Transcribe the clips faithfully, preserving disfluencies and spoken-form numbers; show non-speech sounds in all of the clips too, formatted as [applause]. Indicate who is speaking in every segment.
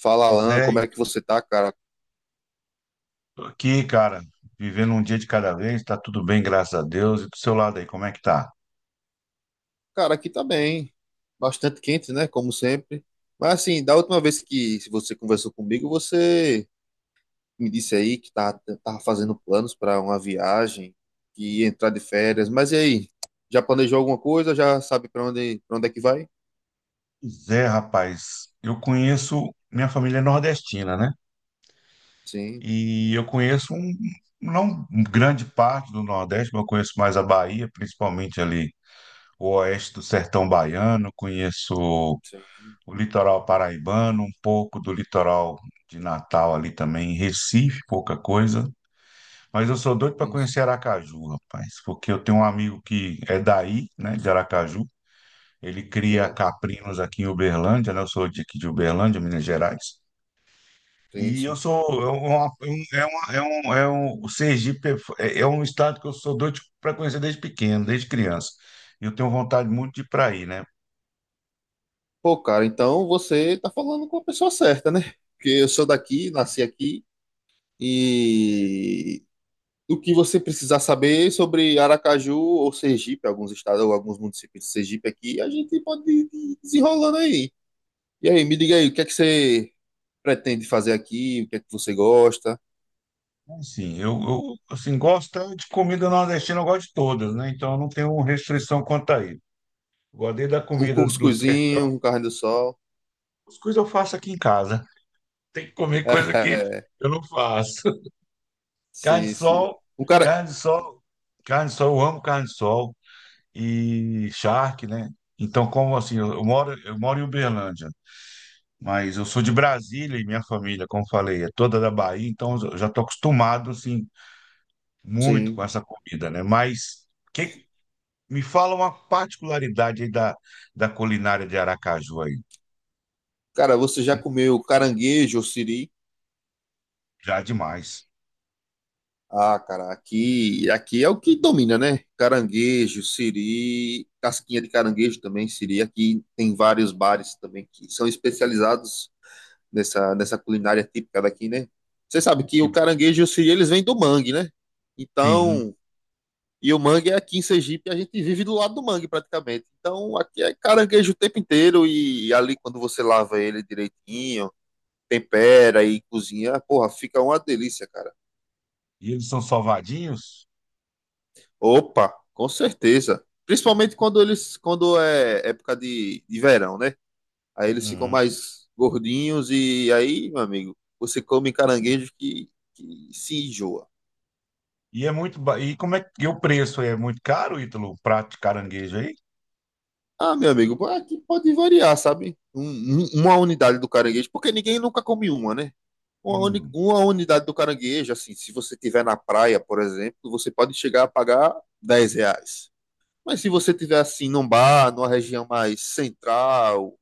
Speaker 1: Fala,
Speaker 2: Pois
Speaker 1: Alan,
Speaker 2: é,
Speaker 1: como
Speaker 2: e
Speaker 1: é que você tá, cara?
Speaker 2: tô aqui, cara, vivendo um dia de cada vez, tá tudo bem, graças a Deus. E do seu lado aí, como é que tá?
Speaker 1: Cara, aqui tá bem. Bastante quente, né? Como sempre. Mas assim, da última vez que você conversou comigo, você me disse aí que tava, tava fazendo planos para uma viagem, que ia entrar de férias. Mas e aí? Já planejou alguma coisa? Já sabe para onde, para onde é que vai?
Speaker 2: Pois é, rapaz, eu conheço, minha família é nordestina, né?
Speaker 1: Sim,
Speaker 2: E eu conheço um, não um grande parte do Nordeste, mas eu conheço mais a Bahia, principalmente ali o oeste do sertão baiano, conheço
Speaker 1: sim.
Speaker 2: o litoral paraibano, um pouco do litoral de Natal ali também, Recife, pouca coisa. Mas eu sou doido para
Speaker 1: Sim, sim,
Speaker 2: conhecer Aracaju, rapaz, porque eu tenho um amigo que é daí, né, de Aracaju. Ele cria
Speaker 1: sim,
Speaker 2: caprinos aqui em Uberlândia, né? Eu sou de aqui de Uberlândia, Minas Gerais. E eu
Speaker 1: sim.
Speaker 2: sou eu- é uma- é um- é, uma, é um é um o Sergipe é, é é um estado que eu sou doido para conhecer desde pequeno, desde criança. E Eu tenho vontade muito de ir para aí, né?
Speaker 1: Pô, cara, então você tá falando com a pessoa certa, né? Porque eu sou daqui, nasci aqui do que você precisar saber sobre Aracaju ou Sergipe, alguns estados ou alguns municípios de Sergipe aqui, a gente pode ir desenrolando aí. E aí, me diga aí, o que é que você pretende fazer aqui? O que é que você gosta?
Speaker 2: Assim, eu, eu assim gosto tanto de comida nordestina, eu gosto de todas, né? Então eu não tenho restrição quanto a isso. Gosto desde da
Speaker 1: Um
Speaker 2: comida do sertão,
Speaker 1: cuscuzinho, um carne do sol?
Speaker 2: as coisas eu faço aqui em casa. Tem que comer coisa que
Speaker 1: [laughs] É,
Speaker 2: eu não faço. [laughs] Carne de
Speaker 1: sim, sim.
Speaker 2: sol,
Speaker 1: Um cara,
Speaker 2: carne de sol, carne de sol, eu amo carne de sol e charque, né? Então, como assim, eu eu moro, eu moro em Uberlândia, mas eu sou de Brasília e minha família, como falei, é toda da Bahia, então eu já tô acostumado, assim, muito com
Speaker 1: sim.
Speaker 2: essa comida, né? Mas que, me fala uma particularidade aí da, da culinária de Aracaju aí.
Speaker 1: Cara, você já
Speaker 2: Um
Speaker 1: comeu
Speaker 2: típico,
Speaker 1: caranguejo ou siri?
Speaker 2: já demais.
Speaker 1: Ah, cara, aqui, aqui é o que domina, né? Caranguejo, siri, casquinha de caranguejo também, siri. Aqui tem vários bares também que são especializados nessa, nessa culinária típica daqui, né? Você sabe que
Speaker 2: E,
Speaker 1: o caranguejo e o siri, eles vêm do mangue, né?
Speaker 2: sim,
Speaker 1: Então, e o mangue é aqui em Sergipe, a gente vive do lado do mangue praticamente. Então, aqui é caranguejo o tempo inteiro e ali quando você lava ele direitinho, tempera e cozinha, porra, fica uma delícia, cara.
Speaker 2: e eles são salvadinhos?
Speaker 1: Opa, com certeza. Principalmente quando eles, quando é época de, de verão, né? Aí eles ficam
Speaker 2: Uhum.
Speaker 1: mais gordinhos e aí, meu amigo, você come caranguejo que, que se enjoa.
Speaker 2: E é muito. ba- E como é que e o preço é muito caro, Ítalo, o prato de caranguejo aí?
Speaker 1: Ah, meu amigo, aqui pode variar, sabe? Um- um- uma unidade do caranguejo, porque ninguém nunca come uma, né? Uma, uni-
Speaker 2: Hum,
Speaker 1: uma unidade do caranguejo, assim, se você tiver na praia, por exemplo, você pode chegar a pagar dez reais. Mas se você tiver assim num bar, numa região mais central,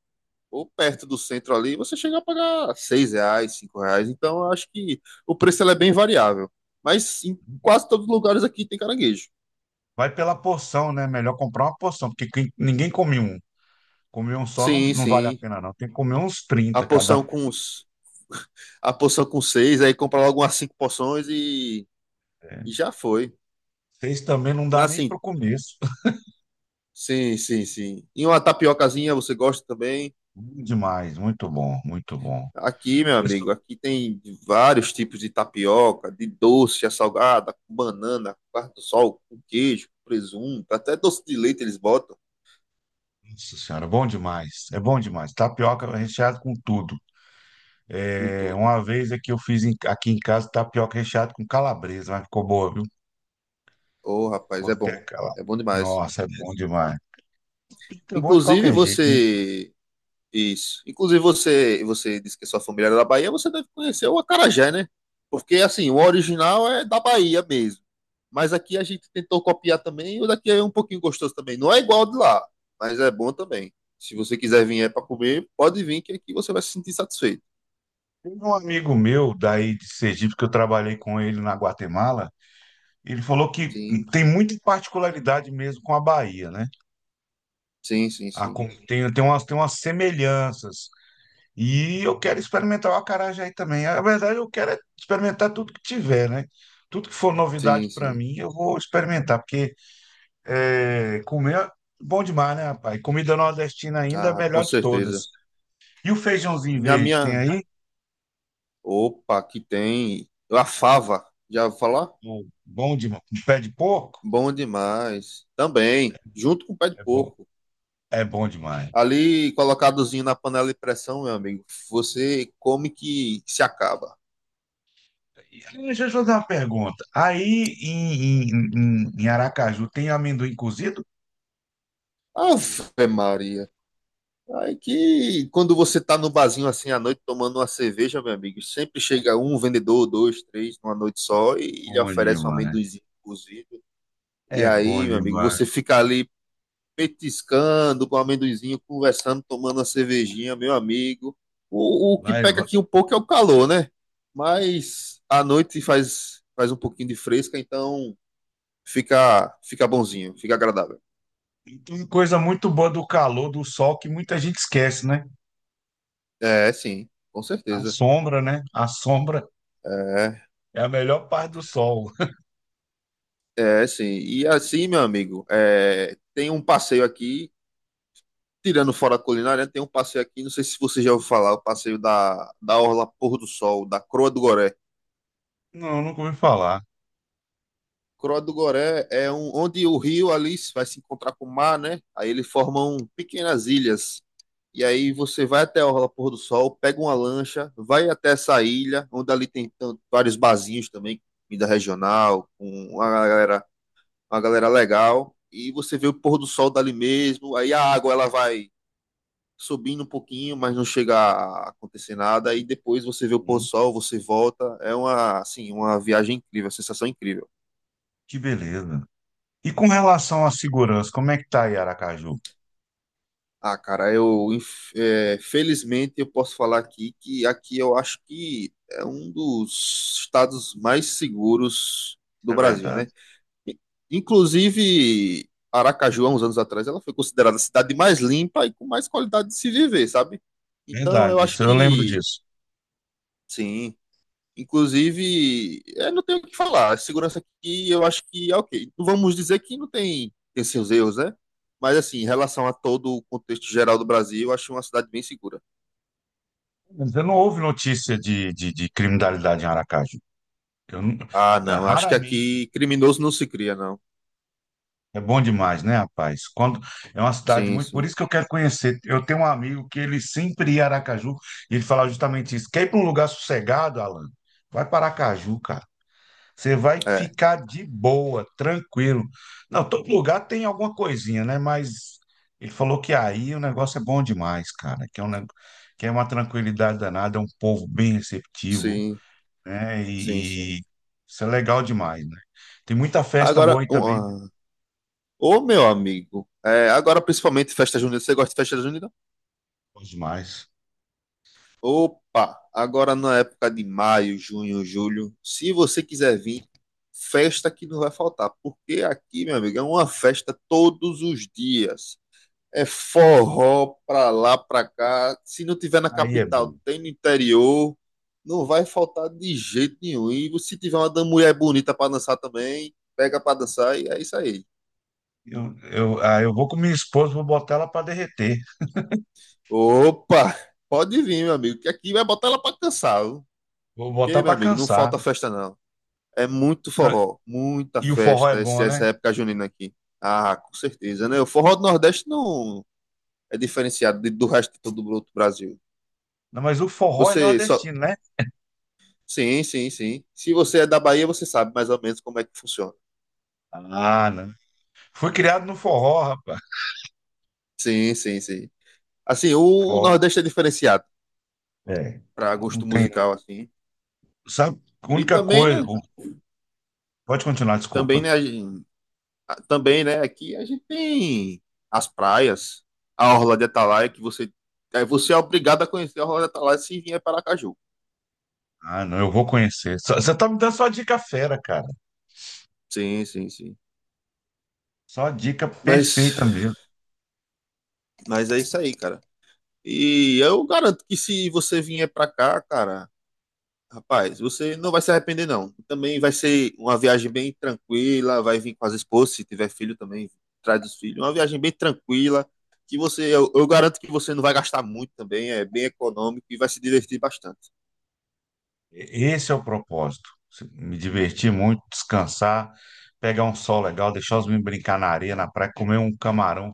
Speaker 1: ou perto do centro ali, você chega a pagar seis reais, cinco reais. Então, eu acho que o preço ele é bem variável. Mas em quase todos os lugares aqui tem caranguejo.
Speaker 2: Vai pela porção, né? Melhor comprar uma porção, porque quem- ninguém come um. Comer um só não,
Speaker 1: Sim,
Speaker 2: não vale a
Speaker 1: sim.
Speaker 2: pena, não. Tem que comer uns
Speaker 1: A
Speaker 2: trinta
Speaker 1: porção
Speaker 2: cada. Um.
Speaker 1: com os- a porção com seis, aí compra logo umas cinco porções e, e já foi.
Speaker 2: Seis também não dá
Speaker 1: Mas
Speaker 2: nem para
Speaker 1: assim,
Speaker 2: o começo. [laughs]
Speaker 1: sim, sim, sim. E uma tapiocazinha você gosta também?
Speaker 2: Bom demais, muito bom, muito bom.
Speaker 1: Aqui, meu
Speaker 2: Pessoal,
Speaker 1: amigo, aqui tem vários tipos de tapioca, de doce, a salgada, com banana, com carne do sol, com queijo, com presunto, até doce de leite eles botam.
Speaker 2: nossa senhora, bom demais. É bom demais. Tapioca
Speaker 1: Sim,
Speaker 2: recheado
Speaker 1: sim.
Speaker 2: com tudo.
Speaker 1: Com
Speaker 2: É,
Speaker 1: tudo.
Speaker 2: uma vez é que eu fiz em- aqui em casa tapioca recheado com calabresa, mas ficou boa, viu?
Speaker 1: Ô, rapaz, é
Speaker 2: Cortei
Speaker 1: bom.
Speaker 2: aquela.
Speaker 1: É bom demais.
Speaker 2: Nossa, é bom demais. Fica bom de
Speaker 1: Inclusive
Speaker 2: qualquer jeito. Né?
Speaker 1: você. Isso. Inclusive você, você disse que é sua família era da Bahia, você deve conhecer o acarajé, né? Porque assim, o original é da Bahia mesmo. Mas aqui a gente tentou copiar também, e o daqui é um pouquinho gostoso também. Não é igual ao de lá, mas é bom também. Se você quiser vir é para comer, pode vir que aqui você vai se sentir satisfeito.
Speaker 2: Tem um amigo meu daí de Sergipe que eu trabalhei com ele na Guatemala. Ele falou que
Speaker 1: Sim,
Speaker 2: tem muita particularidade mesmo com a Bahia, né?
Speaker 1: sim, sim,
Speaker 2: A,
Speaker 1: sim.
Speaker 2: com- tem, tem umas, tem umas semelhanças. E eu quero experimentar o acarajé aí também. Na verdade, eu quero é experimentar tudo que tiver, né? Tudo que for
Speaker 1: Sim,
Speaker 2: novidade para
Speaker 1: sim.
Speaker 2: mim, eu vou experimentar, porque é, comer é bom demais, né, rapaz? Comida nordestina ainda é a
Speaker 1: Ah, com
Speaker 2: melhor de
Speaker 1: certeza.
Speaker 2: todas. E o feijãozinho
Speaker 1: Minha
Speaker 2: verde, tem
Speaker 1: minha
Speaker 2: aí?
Speaker 1: opa, que tem a fava, já vou falar?
Speaker 2: Bom, bom demais. Com pé de porco?
Speaker 1: Bom demais. Também, junto com o pé de
Speaker 2: É bom.
Speaker 1: porco.
Speaker 2: É bom demais.
Speaker 1: Ali, colocadozinho na panela de pressão, meu amigo, você come que se acaba.
Speaker 2: E, aí, deixa eu te fazer uma pergunta. Aí em, em, em, em Aracaju tem amendoim cozido?
Speaker 1: Ave Maria. Aí que quando você tá no barzinho assim à noite tomando uma cerveja, meu amigo, sempre chega um vendedor, dois, três, numa noite só, e lhe
Speaker 2: Bom
Speaker 1: oferece um
Speaker 2: demais.
Speaker 1: amendoinzinho cozido. E
Speaker 2: É bom
Speaker 1: aí, meu amigo,
Speaker 2: demais.
Speaker 1: você fica ali petiscando com um amendoinzinho, conversando, tomando uma cervejinha, meu amigo. O, o que
Speaker 2: Lá eu...
Speaker 1: peca
Speaker 2: vou-
Speaker 1: aqui um pouco é o calor, né? Mas à noite faz, faz um pouquinho de fresca, então fica, fica bonzinho, fica agradável.
Speaker 2: E tem uma coisa muito boa do calor, do sol, que muita gente esquece, né?
Speaker 1: É, sim, com
Speaker 2: A
Speaker 1: certeza.
Speaker 2: sombra, né? A sombra
Speaker 1: É,
Speaker 2: é a melhor parte do sol.
Speaker 1: é sim. E assim, meu amigo, é, tem um passeio aqui, tirando fora a culinária, tem um passeio aqui, não sei se você já ouviu falar, o passeio da, da Orla Pôr do Sol, da Croa do Goré.
Speaker 2: [laughs] Não, nunca ouvi falar.
Speaker 1: Croa do Goré é um, onde o rio ali vai se encontrar com o mar, né? Aí eles formam pequenas ilhas. E aí você vai até a Orla Pôr do Sol, pega uma lancha, vai até essa ilha, onde ali tem tanto- vários barzinhos também, comida regional, com uma galera, uma galera legal. E você vê o pôr do sol dali mesmo. Aí a água ela vai subindo um pouquinho, mas não chega a acontecer nada. Aí depois você vê o pôr do
Speaker 2: Uhum.
Speaker 1: sol, você volta. É uma, assim, uma viagem incrível, uma sensação incrível.
Speaker 2: Que beleza. E com relação à segurança, como é que tá aí Aracaju?
Speaker 1: Ah, cara, eu inf- é, felizmente eu posso falar aqui que aqui eu acho que é um dos estados mais seguros do
Speaker 2: É
Speaker 1: Brasil,
Speaker 2: verdade.
Speaker 1: né? I- Inclusive, Aracaju, há uns anos atrás, ela foi considerada a cidade mais limpa e com mais qualidade de se viver, sabe? Então, eu
Speaker 2: Verdade,
Speaker 1: acho
Speaker 2: isso eu lembro
Speaker 1: que
Speaker 2: disso.
Speaker 1: sim. Inclusive, é, não tenho o que falar. A segurança aqui eu acho que é ok. Não vamos dizer que não tem, tem seus erros, né? Mas assim, em relação a todo o contexto geral do Brasil, eu acho uma cidade bem segura.
Speaker 2: Mas eu não houve notícia de, de, de criminalidade em Aracaju. Eu não-
Speaker 1: Ah,
Speaker 2: é,
Speaker 1: não. Acho que
Speaker 2: raramente.
Speaker 1: aqui criminoso não se cria, não.
Speaker 2: É bom demais, né, rapaz? Quando é uma cidade
Speaker 1: Sim,
Speaker 2: muito. Por
Speaker 1: sim.
Speaker 2: isso que eu quero conhecer. Eu tenho um amigo que ele sempre ia a Aracaju e ele falava justamente isso. Quer ir para um lugar sossegado, Alan? Vai para Aracaju, cara. Você vai
Speaker 1: É.
Speaker 2: ficar de boa, tranquilo. Não, todo lugar tem alguma coisinha, né? Mas ele falou que aí o negócio é bom demais, cara. Que é, um, neg- que é uma tranquilidade danada, é um povo bem receptivo.
Speaker 1: Sim,
Speaker 2: Né?
Speaker 1: sim, sim.
Speaker 2: E, e isso é legal demais, né? Tem muita festa boa
Speaker 1: Agora,
Speaker 2: aí
Speaker 1: um,
Speaker 2: também, né?
Speaker 1: ah, ô meu amigo, é, agora principalmente festa junina. Você gosta de festa junina?
Speaker 2: Bom demais.
Speaker 1: Opa, agora na época de maio, junho, julho, se você quiser vir, festa que não vai faltar, porque aqui, meu amigo, é uma festa todos os dias. É forró pra lá, pra cá. Se não tiver na
Speaker 2: Aí é
Speaker 1: capital,
Speaker 2: bom.
Speaker 1: tem no interior. Não vai faltar de jeito nenhum. E se tiver uma da- mulher bonita pra dançar também, pega pra dançar e é isso aí.
Speaker 2: Eu, eu, ah, eu vou com minha esposa, vou botar ela para derreter.
Speaker 1: Opa, pode vir, meu amigo, que aqui vai botar ela pra cansar, viu?
Speaker 2: Vou
Speaker 1: Que,
Speaker 2: botar
Speaker 1: meu
Speaker 2: para
Speaker 1: amigo, não
Speaker 2: cansar.
Speaker 1: falta festa não. É muito
Speaker 2: Ah,
Speaker 1: forró, muita
Speaker 2: e o forró é
Speaker 1: festa, esse-
Speaker 2: bom, né?
Speaker 1: essa época junina aqui. Ah, com certeza, né? O forró do Nordeste não é diferenciado de- do resto de todo o outro Brasil.
Speaker 2: Não, mas o forró é
Speaker 1: Você só.
Speaker 2: nordestino, né?
Speaker 1: Sim, sim, sim. Se você é da Bahia, você sabe mais ou menos como é que funciona.
Speaker 2: Ah, não. Fui criado no forró, rapaz.
Speaker 1: Sim, sim, sim. Assim, o
Speaker 2: Forró.
Speaker 1: Nordeste é diferenciado
Speaker 2: É.
Speaker 1: para
Speaker 2: Não
Speaker 1: gosto
Speaker 2: tem. Não.
Speaker 1: musical, assim.
Speaker 2: Sabe, a
Speaker 1: E
Speaker 2: única
Speaker 1: também,
Speaker 2: coisa.
Speaker 1: né?
Speaker 2: O- Pode continuar,
Speaker 1: Também,
Speaker 2: desculpa.
Speaker 1: né? a gente- a- Também, né? Aqui a gente tem as praias, a Orla de Atalaia, que você. É, você é obrigado a conhecer a Orla de Atalaia se vier para Aracaju.
Speaker 2: Ah, não, eu vou conhecer. Só- Você tá me dando só dica fera, cara.
Speaker 1: Sim, sim, sim.
Speaker 2: Só dica
Speaker 1: Mas,
Speaker 2: perfeita mesmo.
Speaker 1: mas é isso aí, cara. E eu garanto que se você vier pra cá, cara, rapaz, você não vai se arrepender, não. Também vai ser uma viagem bem tranquila, vai vir com as esposas, se tiver filho também, traz os filhos. Uma viagem bem tranquila, que você, eu, eu garanto que você não vai gastar muito também, é bem econômico e vai se divertir bastante.
Speaker 2: Esse é o propósito. Me divertir muito, descansar, pegar um sol legal, deixar os meninos brincar na areia, na praia, comer um camarão,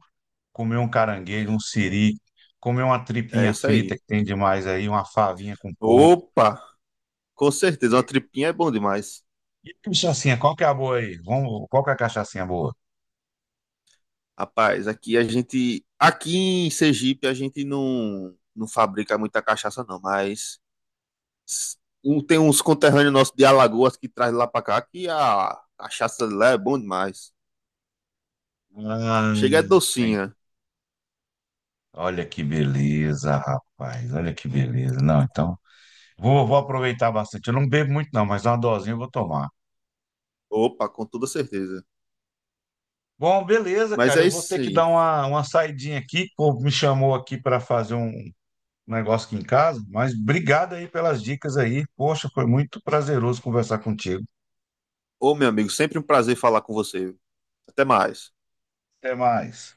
Speaker 2: comer um caranguejo, um siri, comer uma
Speaker 1: É
Speaker 2: tripinha
Speaker 1: isso
Speaker 2: frita
Speaker 1: aí.
Speaker 2: que tem demais aí, uma favinha com porco.
Speaker 1: Opa, com certeza, uma
Speaker 2: E,
Speaker 1: tripinha é bom demais.
Speaker 2: e cachaçinha, qual que é a boa aí? Vamos, qual que é a cachaçinha boa?
Speaker 1: Rapaz, aqui a gente. Aqui em Sergipe a gente não, não fabrica muita cachaça, não, mas s- um- tem uns conterrâneos nossos de Alagoas que traz lá pra cá que a cachaça de lá é bom demais. Chega é
Speaker 2: Ai,
Speaker 1: docinha.
Speaker 2: olha que beleza, rapaz. Olha que beleza. Não, então, vou, vou aproveitar bastante. Eu não bebo muito, não, mas uma dosinha eu vou tomar.
Speaker 1: Opa, com toda certeza.
Speaker 2: Bom, beleza,
Speaker 1: Mas
Speaker 2: cara.
Speaker 1: é
Speaker 2: Eu vou
Speaker 1: isso
Speaker 2: ter que
Speaker 1: aí.
Speaker 2: dar uma, uma saidinha aqui. O povo me chamou aqui para fazer um negócio aqui em casa, mas obrigado aí pelas dicas aí. Poxa, foi muito prazeroso conversar contigo.
Speaker 1: Ô, meu amigo, sempre um prazer falar com você. Até mais.
Speaker 2: Até mais.